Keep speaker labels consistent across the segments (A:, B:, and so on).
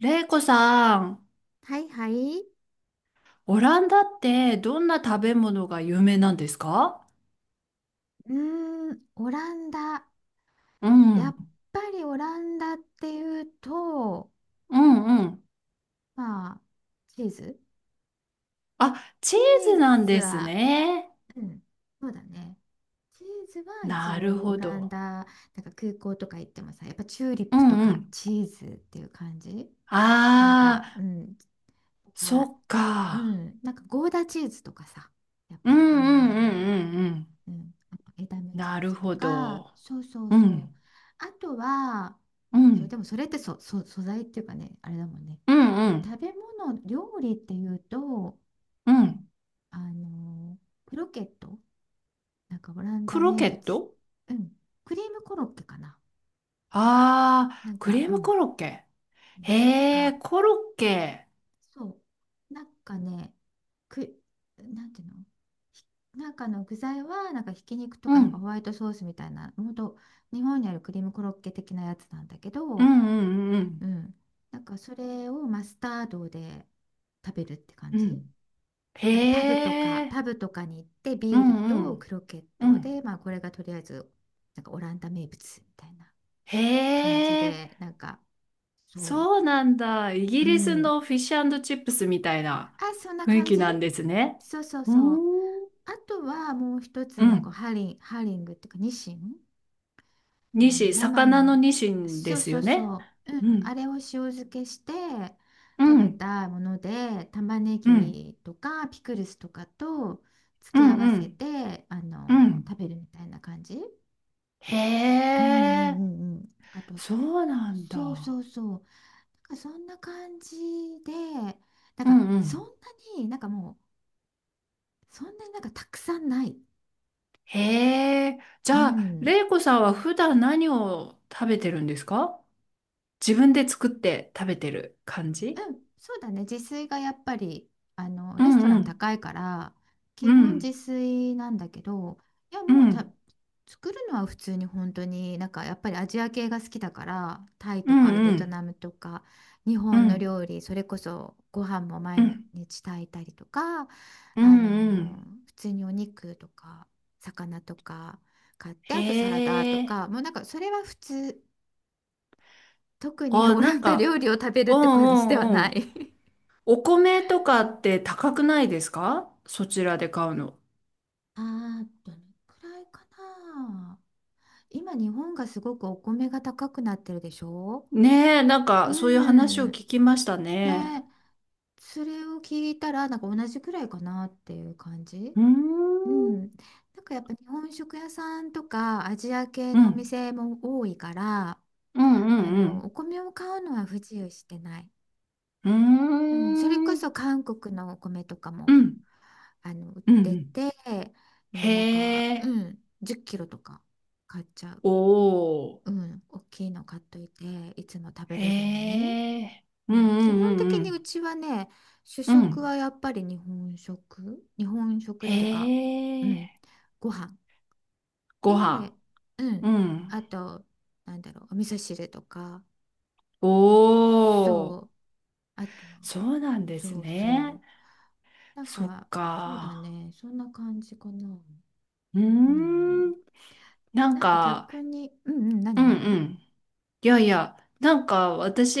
A: れいこさん、
B: はいはい。
A: オランダってどんな食べ物が有名なんですか？
B: うーオランダ。
A: う
B: やっ
A: ん、
B: ぱりオランダっていうと、
A: うんうん。
B: まあ、チーズ
A: あ、チ
B: チ
A: ーズ
B: ー
A: なん
B: ズ
A: です
B: は、
A: ね。
B: うん、そうだね。チーズは一
A: なる
B: 応オ
A: ほ
B: ラン
A: ど。
B: ダ、なんか空港とか行ってもさ、やっぱチューリッ
A: う
B: プと
A: んう
B: か
A: ん。
B: チーズっていう感じ。なん
A: あ
B: か、う
A: あ、
B: ん、
A: そ
B: あ、
A: っ
B: う
A: か。
B: ん、なんかゴーダチーズとかさ、やっ
A: う
B: ぱ
A: んう
B: り有
A: ん
B: 名
A: う
B: なのは。
A: んうんうん。
B: うん、あとエダムチ
A: な
B: ー
A: る
B: ズと
A: ほ
B: か、
A: ど。
B: そうそう
A: う
B: そう。
A: ん、
B: あとは、
A: う
B: そう、で
A: ん、
B: もそれって素材っていうかね、あれだもんね。
A: うんうん
B: 食べ物、料理っていうと、
A: うん。
B: あの、クロケット、なんかオラン
A: ク
B: ダ
A: ロ
B: 名
A: ケッ
B: 物、
A: ト？
B: うん、クリームコロッケかな。
A: あ
B: な
A: あー、
B: ん
A: ク
B: か、
A: リー
B: う
A: ム
B: ん、
A: コロッケ。
B: なん
A: へえ、
B: か
A: コロッケ。
B: そう。なんかね、く、なんていうの、ひなんかの具材は、なんかひき肉とか、
A: う
B: なんか
A: ん、
B: ホワイトソースみたいな、ほんと、日本にあるクリームコロッケ的なやつなんだけ
A: う
B: ど、
A: んうんうんう
B: う
A: ん。
B: ん。なんかそれをマスタードで食べるって感
A: う
B: じ。
A: ん、へ
B: なんかパブとか、
A: え、
B: パブとかに行って
A: う
B: ビール
A: んう
B: と
A: ん、
B: クロケッ
A: う
B: トで、
A: ん。
B: まあこれがとりあえず、なんかオランダ名物みたいな
A: へ
B: 感じ
A: え、
B: で、なんか、そ
A: そうなんだ。イギ
B: う。う
A: リス
B: ん、
A: のフィッシュチップスみたいな
B: あ、そんな
A: 雰囲
B: 感
A: 気
B: じ。
A: なんですね。
B: そうそう
A: う
B: そう。
A: ーん、
B: あとはもう一つ
A: う
B: のこう
A: ん。
B: ハリングっていうかニシン、あ
A: ニ
B: の
A: シン、
B: 生
A: 魚の
B: の、
A: ニシンで
B: そう
A: す
B: そ
A: よ
B: う
A: ね。
B: そう、う
A: う
B: ん、
A: ん、
B: あれを塩漬けして
A: う
B: 食べ
A: ん、
B: たもので、玉ね
A: うん、
B: ぎとかピクルスとかと
A: う
B: 付け合
A: ん、
B: わ
A: う
B: せ
A: ん、
B: てあ
A: う
B: の
A: ん。
B: 食べるみたいな感じ。
A: へ
B: うんうん
A: え、
B: うんうん、あと、
A: そうなん
B: そう
A: だ。
B: そうそう、なんかそんな感じで、なん
A: う
B: か
A: んう
B: そんな
A: ん。
B: に、なんかもうそんなになんかたくさんない。
A: へえ、じ
B: う
A: ゃあ、
B: ん。
A: レイコさんは普段何を食べてるんですか？自分で作って食べてる感
B: う
A: じ？
B: ん、そうだね。自炊がやっぱり、あの、
A: う
B: レス
A: ん
B: トラ
A: う
B: ン
A: ん
B: 高いから、基
A: う
B: 本自
A: ん
B: 炊なんだけど、いや、
A: う
B: もうた、
A: ん
B: 作るのは普通に本当に、なんかやっぱりアジア系が好きだから、タイ
A: う
B: と
A: ん
B: かベ
A: う
B: ト
A: ん
B: ナムとか、日
A: う
B: 本の
A: ん
B: 料理、それこそご飯も毎日炊いたりとか、
A: う
B: あ
A: んう
B: の、
A: ん
B: 普通にお肉とか、魚とか買って、
A: へ
B: あとサラダと
A: え、
B: か、もうなんかそれは普通。特に
A: あ、
B: オランダ料理を食べるっ
A: うん
B: て感じで
A: う
B: は
A: ん
B: な
A: うん、
B: い。
A: お米とかって高くないですか、そちらで買うの？
B: ああ、どのくらいかな。今、日本がすごくお米が高くなってるでしょ。
A: ねえ、なん
B: う
A: かそういう話を
B: ん。
A: 聞きましたね。
B: ね、それを聞いたら、なんか同じくらいかなっていう感じ。
A: うー
B: う
A: ん
B: ん。なんかやっぱ日本食屋さんとかアジア系
A: う
B: のお
A: ん
B: 店も多いから、
A: う
B: あ
A: んう
B: の、お
A: ん
B: 米を買うのは不自由してない。
A: う
B: うん、それ
A: ん
B: こ
A: うー
B: そ
A: ん
B: 韓国のお米とか
A: う
B: も
A: ん
B: あの売っ
A: うんう
B: て
A: ん
B: て、もうなんか、
A: へ
B: う
A: え、
B: ん、10キロとか買っちゃう、
A: おお
B: う
A: ー、
B: ん、大きいの買っといて、いつも食べ
A: へ
B: れるように、
A: え。
B: う
A: うん
B: ん、基
A: う
B: 本
A: んう
B: 的にう
A: ん
B: ちはね、主
A: うん。う
B: 食
A: ん。
B: はやっぱり日本食、日本食っ
A: へ
B: ていうか、う
A: え。
B: ん、ご飯
A: ご
B: で、
A: 飯。
B: う
A: う
B: ん、
A: ん。
B: あと、なんだろう、お味噌汁とか、
A: お
B: そう、
A: ー。
B: あと、
A: そうなんです
B: そう
A: ね。
B: そう、なん
A: そっ
B: か、そうだ
A: か。
B: ね。そんな感じかな。
A: うー
B: うん。
A: ん。なん
B: なんか
A: か、
B: 逆に、うんうん、な
A: う
B: に
A: ん
B: な
A: う
B: に。
A: ん。いやいや、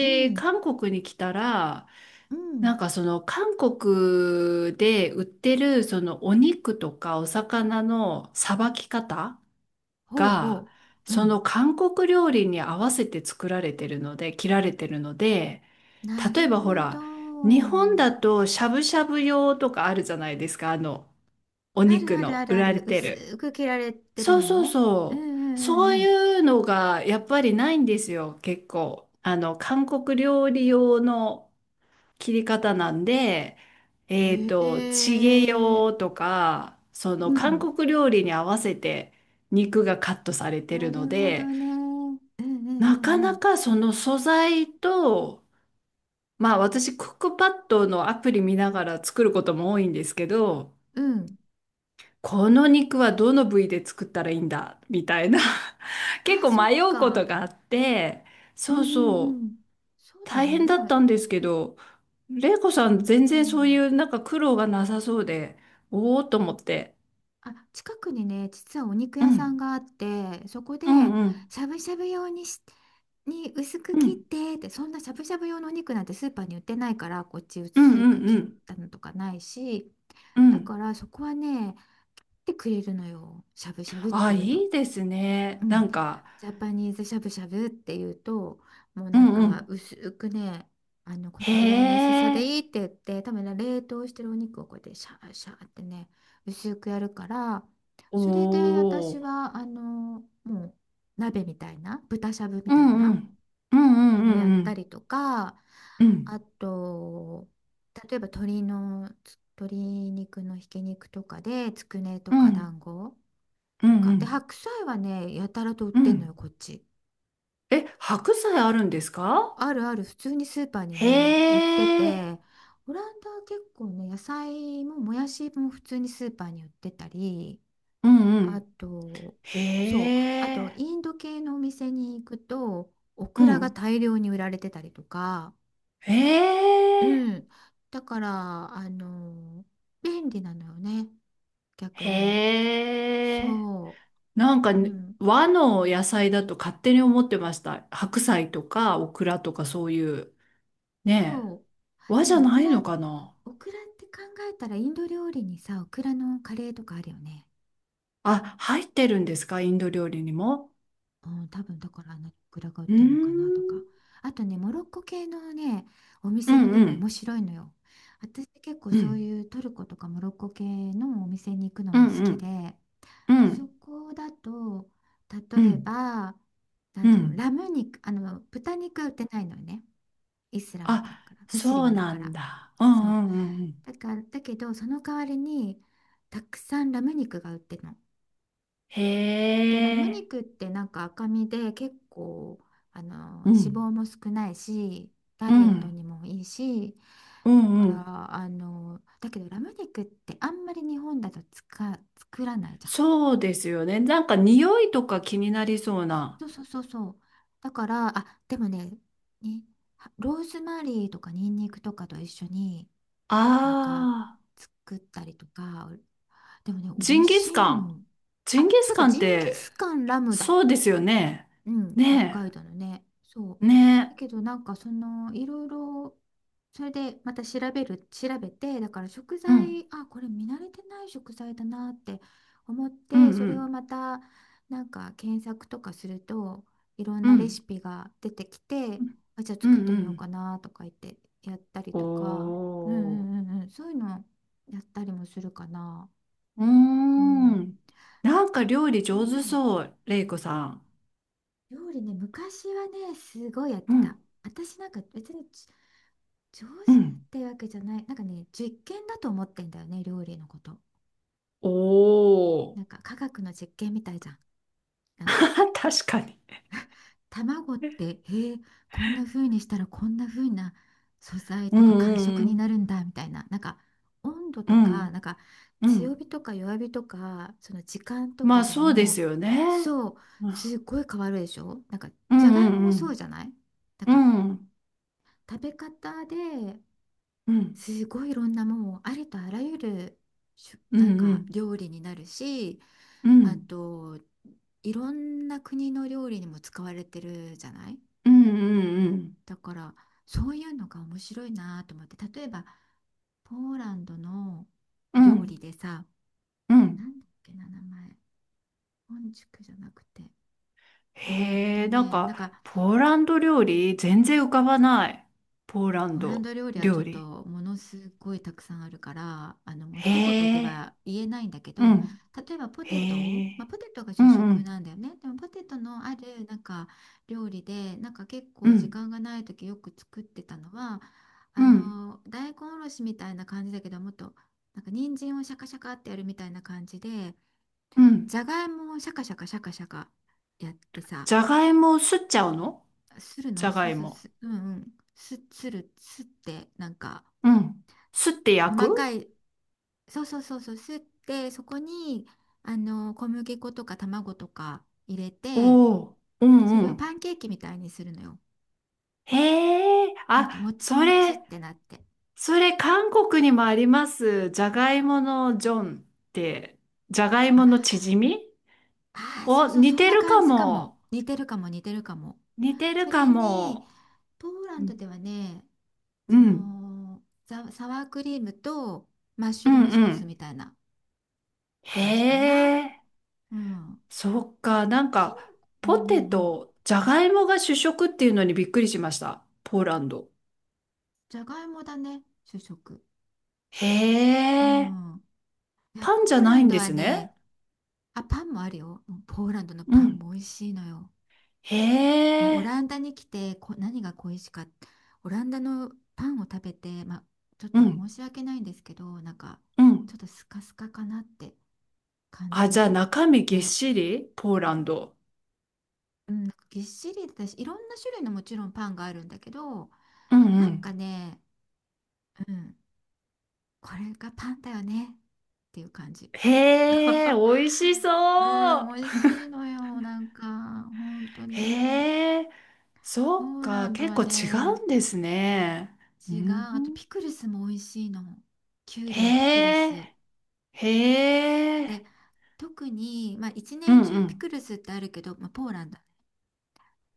B: うん、
A: 韓国に来たら、
B: うん。
A: その韓国で売ってるそのお肉とかお魚のさばき方
B: ほう
A: が、
B: ほう。う
A: その
B: ん。
A: 韓国料理に合わせて作られてるので、切られてるので、
B: な
A: 例
B: る
A: えばほ
B: ほ
A: ら、日本
B: ど。
A: だとしゃぶしゃぶ用とかあるじゃないですか、お
B: ある
A: 肉
B: あるあ
A: の
B: る
A: 売
B: あ
A: られ
B: る。
A: てる。
B: 薄く切られてる
A: そう
B: の
A: そう
B: ね。うん
A: そう。
B: うん
A: そう
B: う
A: い
B: ん
A: うのがやっぱりないんですよ、結構。あの、韓国料理用の切り方なんで、
B: う
A: チゲ
B: ん。え
A: 用
B: え、
A: とか、その
B: う
A: 韓
B: ん。
A: 国料理に合わせて肉がカットされて
B: な
A: るの
B: るほど
A: で、
B: ね。うんう
A: な
B: ん
A: か
B: う
A: な
B: ん
A: かその素材と、まあ私クックパッドのアプリ見ながら作ることも多いんですけど、
B: うん。うん。
A: この肉はどの部位で作ったらいいんだみたいな、 結
B: あ、
A: 構
B: そっ
A: 迷うこと
B: か。
A: があって、
B: うん
A: そう
B: う
A: そ
B: んう
A: う、
B: ん。そうだ
A: 大
B: ね。
A: 変だ
B: ま
A: っ
B: あ、
A: たんですけど、玲子さん
B: う
A: 全然そうい
B: ん。
A: うなんか苦労がなさそうで、おおと思って。
B: あ、近くにね、実はお肉
A: う
B: 屋さん
A: ん、
B: があって、そこで、
A: うん、うん、
B: しゃぶしゃぶ用にに薄く
A: う
B: 切っ
A: ん、
B: て、って、そんなしゃぶしゃぶ用のお肉なんてスーパーに売ってないから、こっち
A: うん、
B: 薄
A: う
B: く
A: ん、う
B: 切っ
A: ん。
B: たのとかないし、
A: う
B: だ
A: ん、
B: からそこはね、来てくれるのよ。しゃぶしゃぶっ
A: あ、
B: ていうと。
A: いいです
B: う
A: ね。
B: ん、ジャパニーズしゃぶしゃぶっていうと、もう
A: う
B: なん
A: ん、う
B: か
A: ん。
B: 薄くね、あのこの
A: へ
B: ぐらいの薄さで
A: え。
B: いいって言って、多分ね冷凍してるお肉をこうやってシャーシャーってね薄くやるから、
A: お
B: それで私
A: ー。
B: はあのもう鍋みたいな豚しゃぶみ
A: う
B: たい
A: んう
B: な
A: ん。うんうん
B: の
A: う
B: や
A: ん
B: っ
A: う
B: た
A: ん。
B: りとか、
A: う
B: あ
A: ん
B: と例えば鶏肉のひき肉とかでつくねと
A: う
B: か
A: ん
B: 団子
A: うん
B: とか。
A: う
B: で、
A: ん
B: 白菜はね、やたらと売っ
A: う
B: てんのよ、
A: ん。
B: こっち。
A: え、白菜あるんですか？
B: あるある、普通にスーパーに
A: へ
B: ね、売って
A: え。
B: て、オランダは結構ね、野菜ももやしも普通にスーパーに売ってたり、
A: うんう
B: あ
A: ん。
B: と、
A: へ
B: そう、あと、
A: え。
B: インド系のお店に行くと、オ
A: う
B: クラが
A: ん。
B: 大量に売られてたりとか、
A: へ
B: う
A: え。
B: ん。だから、あの、便利なのよね、逆に。
A: へえ。
B: そ
A: なんか
B: う。う
A: ね、
B: ん。
A: 和の野菜だと勝手に思ってました。白菜とかオクラとかそういう。ねえ。
B: そう。
A: 和
B: で
A: じゃ
B: もオ
A: な
B: ク
A: い
B: ラ、
A: のかな？
B: オクラって考えたら、インド料理にさ、オクラのカレーとかあるよね。
A: あ、入ってるんですか、インド料理にも。
B: うん、多分だから、あのオクラが売っ
A: うー
B: てるのか
A: ん。
B: なとか。あとね、モロッコ系のね、お
A: う
B: 店
A: ん
B: に
A: う
B: も面
A: ん。
B: 白いのよ。私結構
A: う
B: そう
A: ん、
B: いうトルコとかモロッコ系のお店に行くの
A: う
B: も
A: ん、
B: 好
A: う
B: き
A: ん、
B: で、
A: う
B: そ
A: ん、
B: こだと、
A: う
B: 例え
A: ん、
B: ば、な
A: う
B: んていうの、
A: ん。
B: ラム肉、あの、豚肉は売ってないのよね。イスラムだ
A: あ、
B: から、ムスリ
A: そう
B: ムだ
A: な
B: か
A: ん
B: ら。
A: だ。う
B: そう。
A: ん、うん、うんうん。
B: だから、だけど、その代わりに、たくさんラム肉が売ってるの。
A: へ
B: で、ラム
A: え、
B: 肉ってなんか赤身で結構、あの、脂
A: うん、
B: 肪も少ないし、ダ
A: う
B: イエット
A: ん、
B: にもいいし、
A: う
B: だ
A: ん、
B: か
A: うん。
B: ら、あの、だけどラム肉ってあんまり日本だと作らないじゃん。
A: そうですよね。なんか匂いとか気になりそうな。
B: そうそうそうそう。だから、あ、でもね、に、はローズマリーとかニンニクとかと一緒に、なんか
A: ああ、
B: 作ったりとか、でもね、
A: ジ
B: 美味
A: ンギ
B: し
A: スカ
B: い
A: ン。
B: の。
A: ジンギ
B: あ、
A: ス
B: そうだ、
A: カン
B: ジ
A: っ
B: ンギ
A: て、
B: スカン、ラムだ。
A: そうですよね。
B: うん、北
A: ね
B: 海道のね。そう。
A: え、
B: だ
A: ね
B: けどなんかその、いろいろ、それでまた調べて、だから食
A: え。うん、
B: 材、あ、これ見慣れてない食材だなって思っ
A: うん、う
B: て、それ
A: ん、
B: をまたなんか検索とかすると、いろん
A: う
B: なレシ
A: ん、
B: ピが出てきて、あ、じゃあ
A: うん、
B: 作
A: う
B: っ
A: ん。
B: て
A: う
B: みようか
A: ん、
B: なとか言ってやったり
A: お
B: とか、うんう
A: ー。
B: んうんうん、そういうのやったりもするかな。
A: うー
B: うん。
A: ん。なん
B: が
A: か料理
B: う
A: 上手
B: ん、
A: そう、レイコさん。
B: 料理ね、昔はね、すごいやっ
A: う
B: てた。
A: ん。
B: 私なんか別に上手っ
A: うん。
B: てわけじゃない。なんかね、実験だと思ってんだよね、料理のこと。
A: お
B: な
A: ー。
B: んか科学の実験みたいじゃん。なんか
A: 確かに。
B: 卵って、ー、こんな風にしたらこんな風な素材
A: う
B: とか感触
A: んう
B: にな
A: ん
B: るんだみたいな。なんか温度
A: う
B: とか、
A: ん。
B: なんか
A: うんう
B: 強
A: ん。
B: 火とか弱火とか、その時間と
A: ま
B: か
A: あ
B: で
A: そうで
B: も、
A: すよね。
B: そう、
A: うん
B: すっごい変わるでしょ、なんか
A: う
B: じゃが
A: ん
B: いもも
A: う
B: そう
A: ん。
B: じゃない、なん
A: う
B: か
A: ん
B: 食べ方で
A: うん
B: すごいいろんな、もうありとあらゆる、
A: うん
B: なん
A: う
B: か
A: ん
B: 料理になるし、
A: う
B: あ
A: ん
B: といろんな国の料理にも使われてるじゃない。
A: うんうん
B: だからそういうのが面白いなと思って、例えばポーランドの
A: う
B: 料
A: ん
B: 理でさ、
A: う
B: な
A: ん
B: んだっけな、名前、本宿じゃなくて、
A: へえ、なん
B: ね、なん
A: か
B: か
A: ポーランド料理全然浮かばない。ポーラン
B: ポーラン
A: ド
B: ド料理はちょ
A: 料
B: っ
A: 理。
B: とものすごいたくさんあるから、あのもう
A: へ
B: 一言で
A: え。
B: は言えないんだけ
A: う
B: ど、
A: ん。
B: 例えばポ
A: へ
B: テトを、まあ、
A: え。
B: ポテトが
A: う
B: 主
A: んう
B: 食
A: ん
B: なんだよね。でもポテトのあるなんか料理で、なんか結
A: う
B: 構時
A: ん
B: 間がない時よく作ってたのは、
A: う
B: あ
A: ん
B: の大根おろしみたいな感じだけど、もっとなんか人参をシャカシャカってやるみたいな感じで、
A: う
B: じ
A: ん、
B: ゃがいもをシャカシャカシャカシャカやってさ、
A: じゃがいもをすっちゃうの？
B: する
A: じ
B: の、
A: ゃが
B: す
A: い
B: す
A: も。
B: す、うんうん、すってなんか。
A: うん。すって焼
B: 細か
A: く？
B: い、そうそうそうそう、すって、そこにあの小麦粉とか卵とか入れて、
A: おおー、う
B: そ
A: んう
B: れをパ
A: ん。
B: ンケーキみたいにするのよ。
A: へえ、
B: なんかも
A: あ、
B: ち
A: そ
B: もちっ
A: れ、
B: てなって、
A: それ韓国にもあります。じゃがいものジョンって、じゃがい
B: あ
A: ものチヂミ。
B: あー、そう
A: お、
B: そう、
A: 似
B: そん
A: て
B: な
A: る
B: 感
A: か
B: じか
A: も。
B: も、似てるかも、似てるかも。
A: 似てる
B: そ
A: か
B: れに
A: も。
B: ポーラン
A: う
B: ドで
A: ん、
B: はね、
A: う
B: そ
A: ん、
B: の、サワークリームとマッシ
A: う
B: ュルー
A: ん
B: ム
A: う
B: ソース
A: ん。
B: みたいな
A: へ
B: 感じかな。
A: え。
B: うん、
A: そっか、
B: きのうんうん
A: ポ
B: う
A: テ
B: ん、
A: ト、じゃがいもが主食っていうのにびっくりしました。ポーランド。
B: じゃがいもだね、主食。
A: へ
B: う
A: え、
B: ん、いや、
A: パンじ
B: ポ
A: ゃ
B: ーラ
A: ない
B: ン
A: ん
B: ド
A: で
B: は
A: す
B: ね、
A: ね。
B: あ、パンもあるよ。もうポーランドの
A: う
B: パン
A: ん。
B: も美味しいのよ。
A: へ
B: もうオ
A: え、
B: ランダに来て何が恋しかった。オランダのパンを食べて、まあ、ちょっ
A: う
B: と申
A: ん、
B: し訳ないんですけど、なんか、
A: うん。
B: ちょっとスカスカかなって感じ
A: あ、
B: て
A: じゃあ
B: しまっ
A: 中身ぎっ
B: て、
A: しりポーランド。
B: うん、なんかぎっしりだし、いろんな種類のもちろんパンがあるんだけど、
A: うんう
B: なんか
A: ん。
B: ね、うん、これがパンだよねっていう感じ。
A: へえ、美味しそ
B: うん、
A: う。
B: 美味しいのよ。なんか、本当に。
A: へえ、
B: ポ
A: そっ
B: ーラ
A: か、
B: ンド
A: 結
B: は
A: 構違
B: ね、
A: うんですね。う
B: 違う。
A: ん、
B: あとピクルスも美味しいの。きゅう
A: へ
B: りのピクル
A: え、
B: ス。
A: へえ、
B: で、特に、まあ一
A: うん
B: 年中
A: う
B: ピク
A: ん、
B: ルスってあるけど、まあ、ポーランド。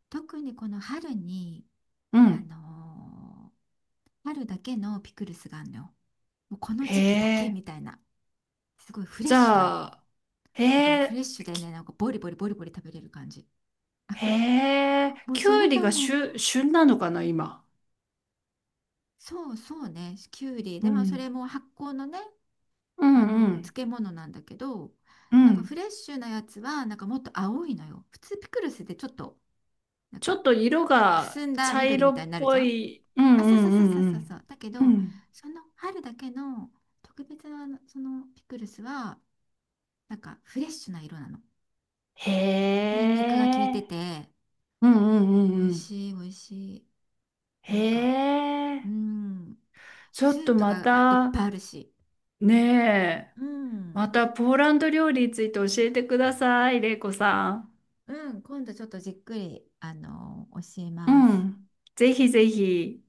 B: 特にこの春に、
A: う
B: あの
A: ん。
B: ー春だけのピクルスがあるのよ。もうこの
A: へ、
B: 時期だけみたいな。すごいフレ
A: じ
B: ッシュなの。
A: ゃあ、へ
B: なんかもうフレ
A: え、
B: ッシュでね、
A: き、
B: なんかボリボリボリボリ食べれる感じ。
A: へえ、
B: もう
A: きゅ
B: そ
A: う
B: れ
A: り
B: が
A: が
B: もう、
A: 旬、旬なのかな、今。
B: そうそうね、きゅうり。
A: う
B: で、まあそ
A: ん。
B: れも発酵のね、
A: う
B: あ
A: んう
B: の
A: ん。
B: 漬物なんだけど、
A: う
B: なんかフ
A: ん。
B: レッシュなやつはなんかもっと青いのよ。普通ピクルスでちょっとなん
A: ちょっ
B: か
A: と色
B: く
A: が
B: すんだ
A: 茶
B: 緑
A: 色
B: みたいに
A: っ
B: なるじ
A: ぽ
B: ゃん。
A: い。う
B: あ、
A: んう
B: そうそう
A: ん
B: そう
A: う
B: そう
A: んう
B: そう、そ
A: ん。
B: うだけ
A: う
B: ど、
A: ん。
B: その春だけの特別なあのそのピクルスはなんかフレッシュな色なの。
A: へ
B: ニンニクが効いて
A: え。
B: て
A: うんうんう
B: 美
A: ん
B: 味
A: うん。
B: しい、美味しい、
A: へ
B: なんか、う
A: え。
B: ん
A: ちょ
B: ス
A: っ
B: ー
A: と
B: プ
A: ま
B: がいっ
A: た、
B: ぱいあるし、
A: ねえ、
B: うん
A: またポーランド料理について教えてください、玲子さん。
B: うん、今度ちょっとじっくりあの教え
A: う
B: ます。
A: ん。ぜひぜひ。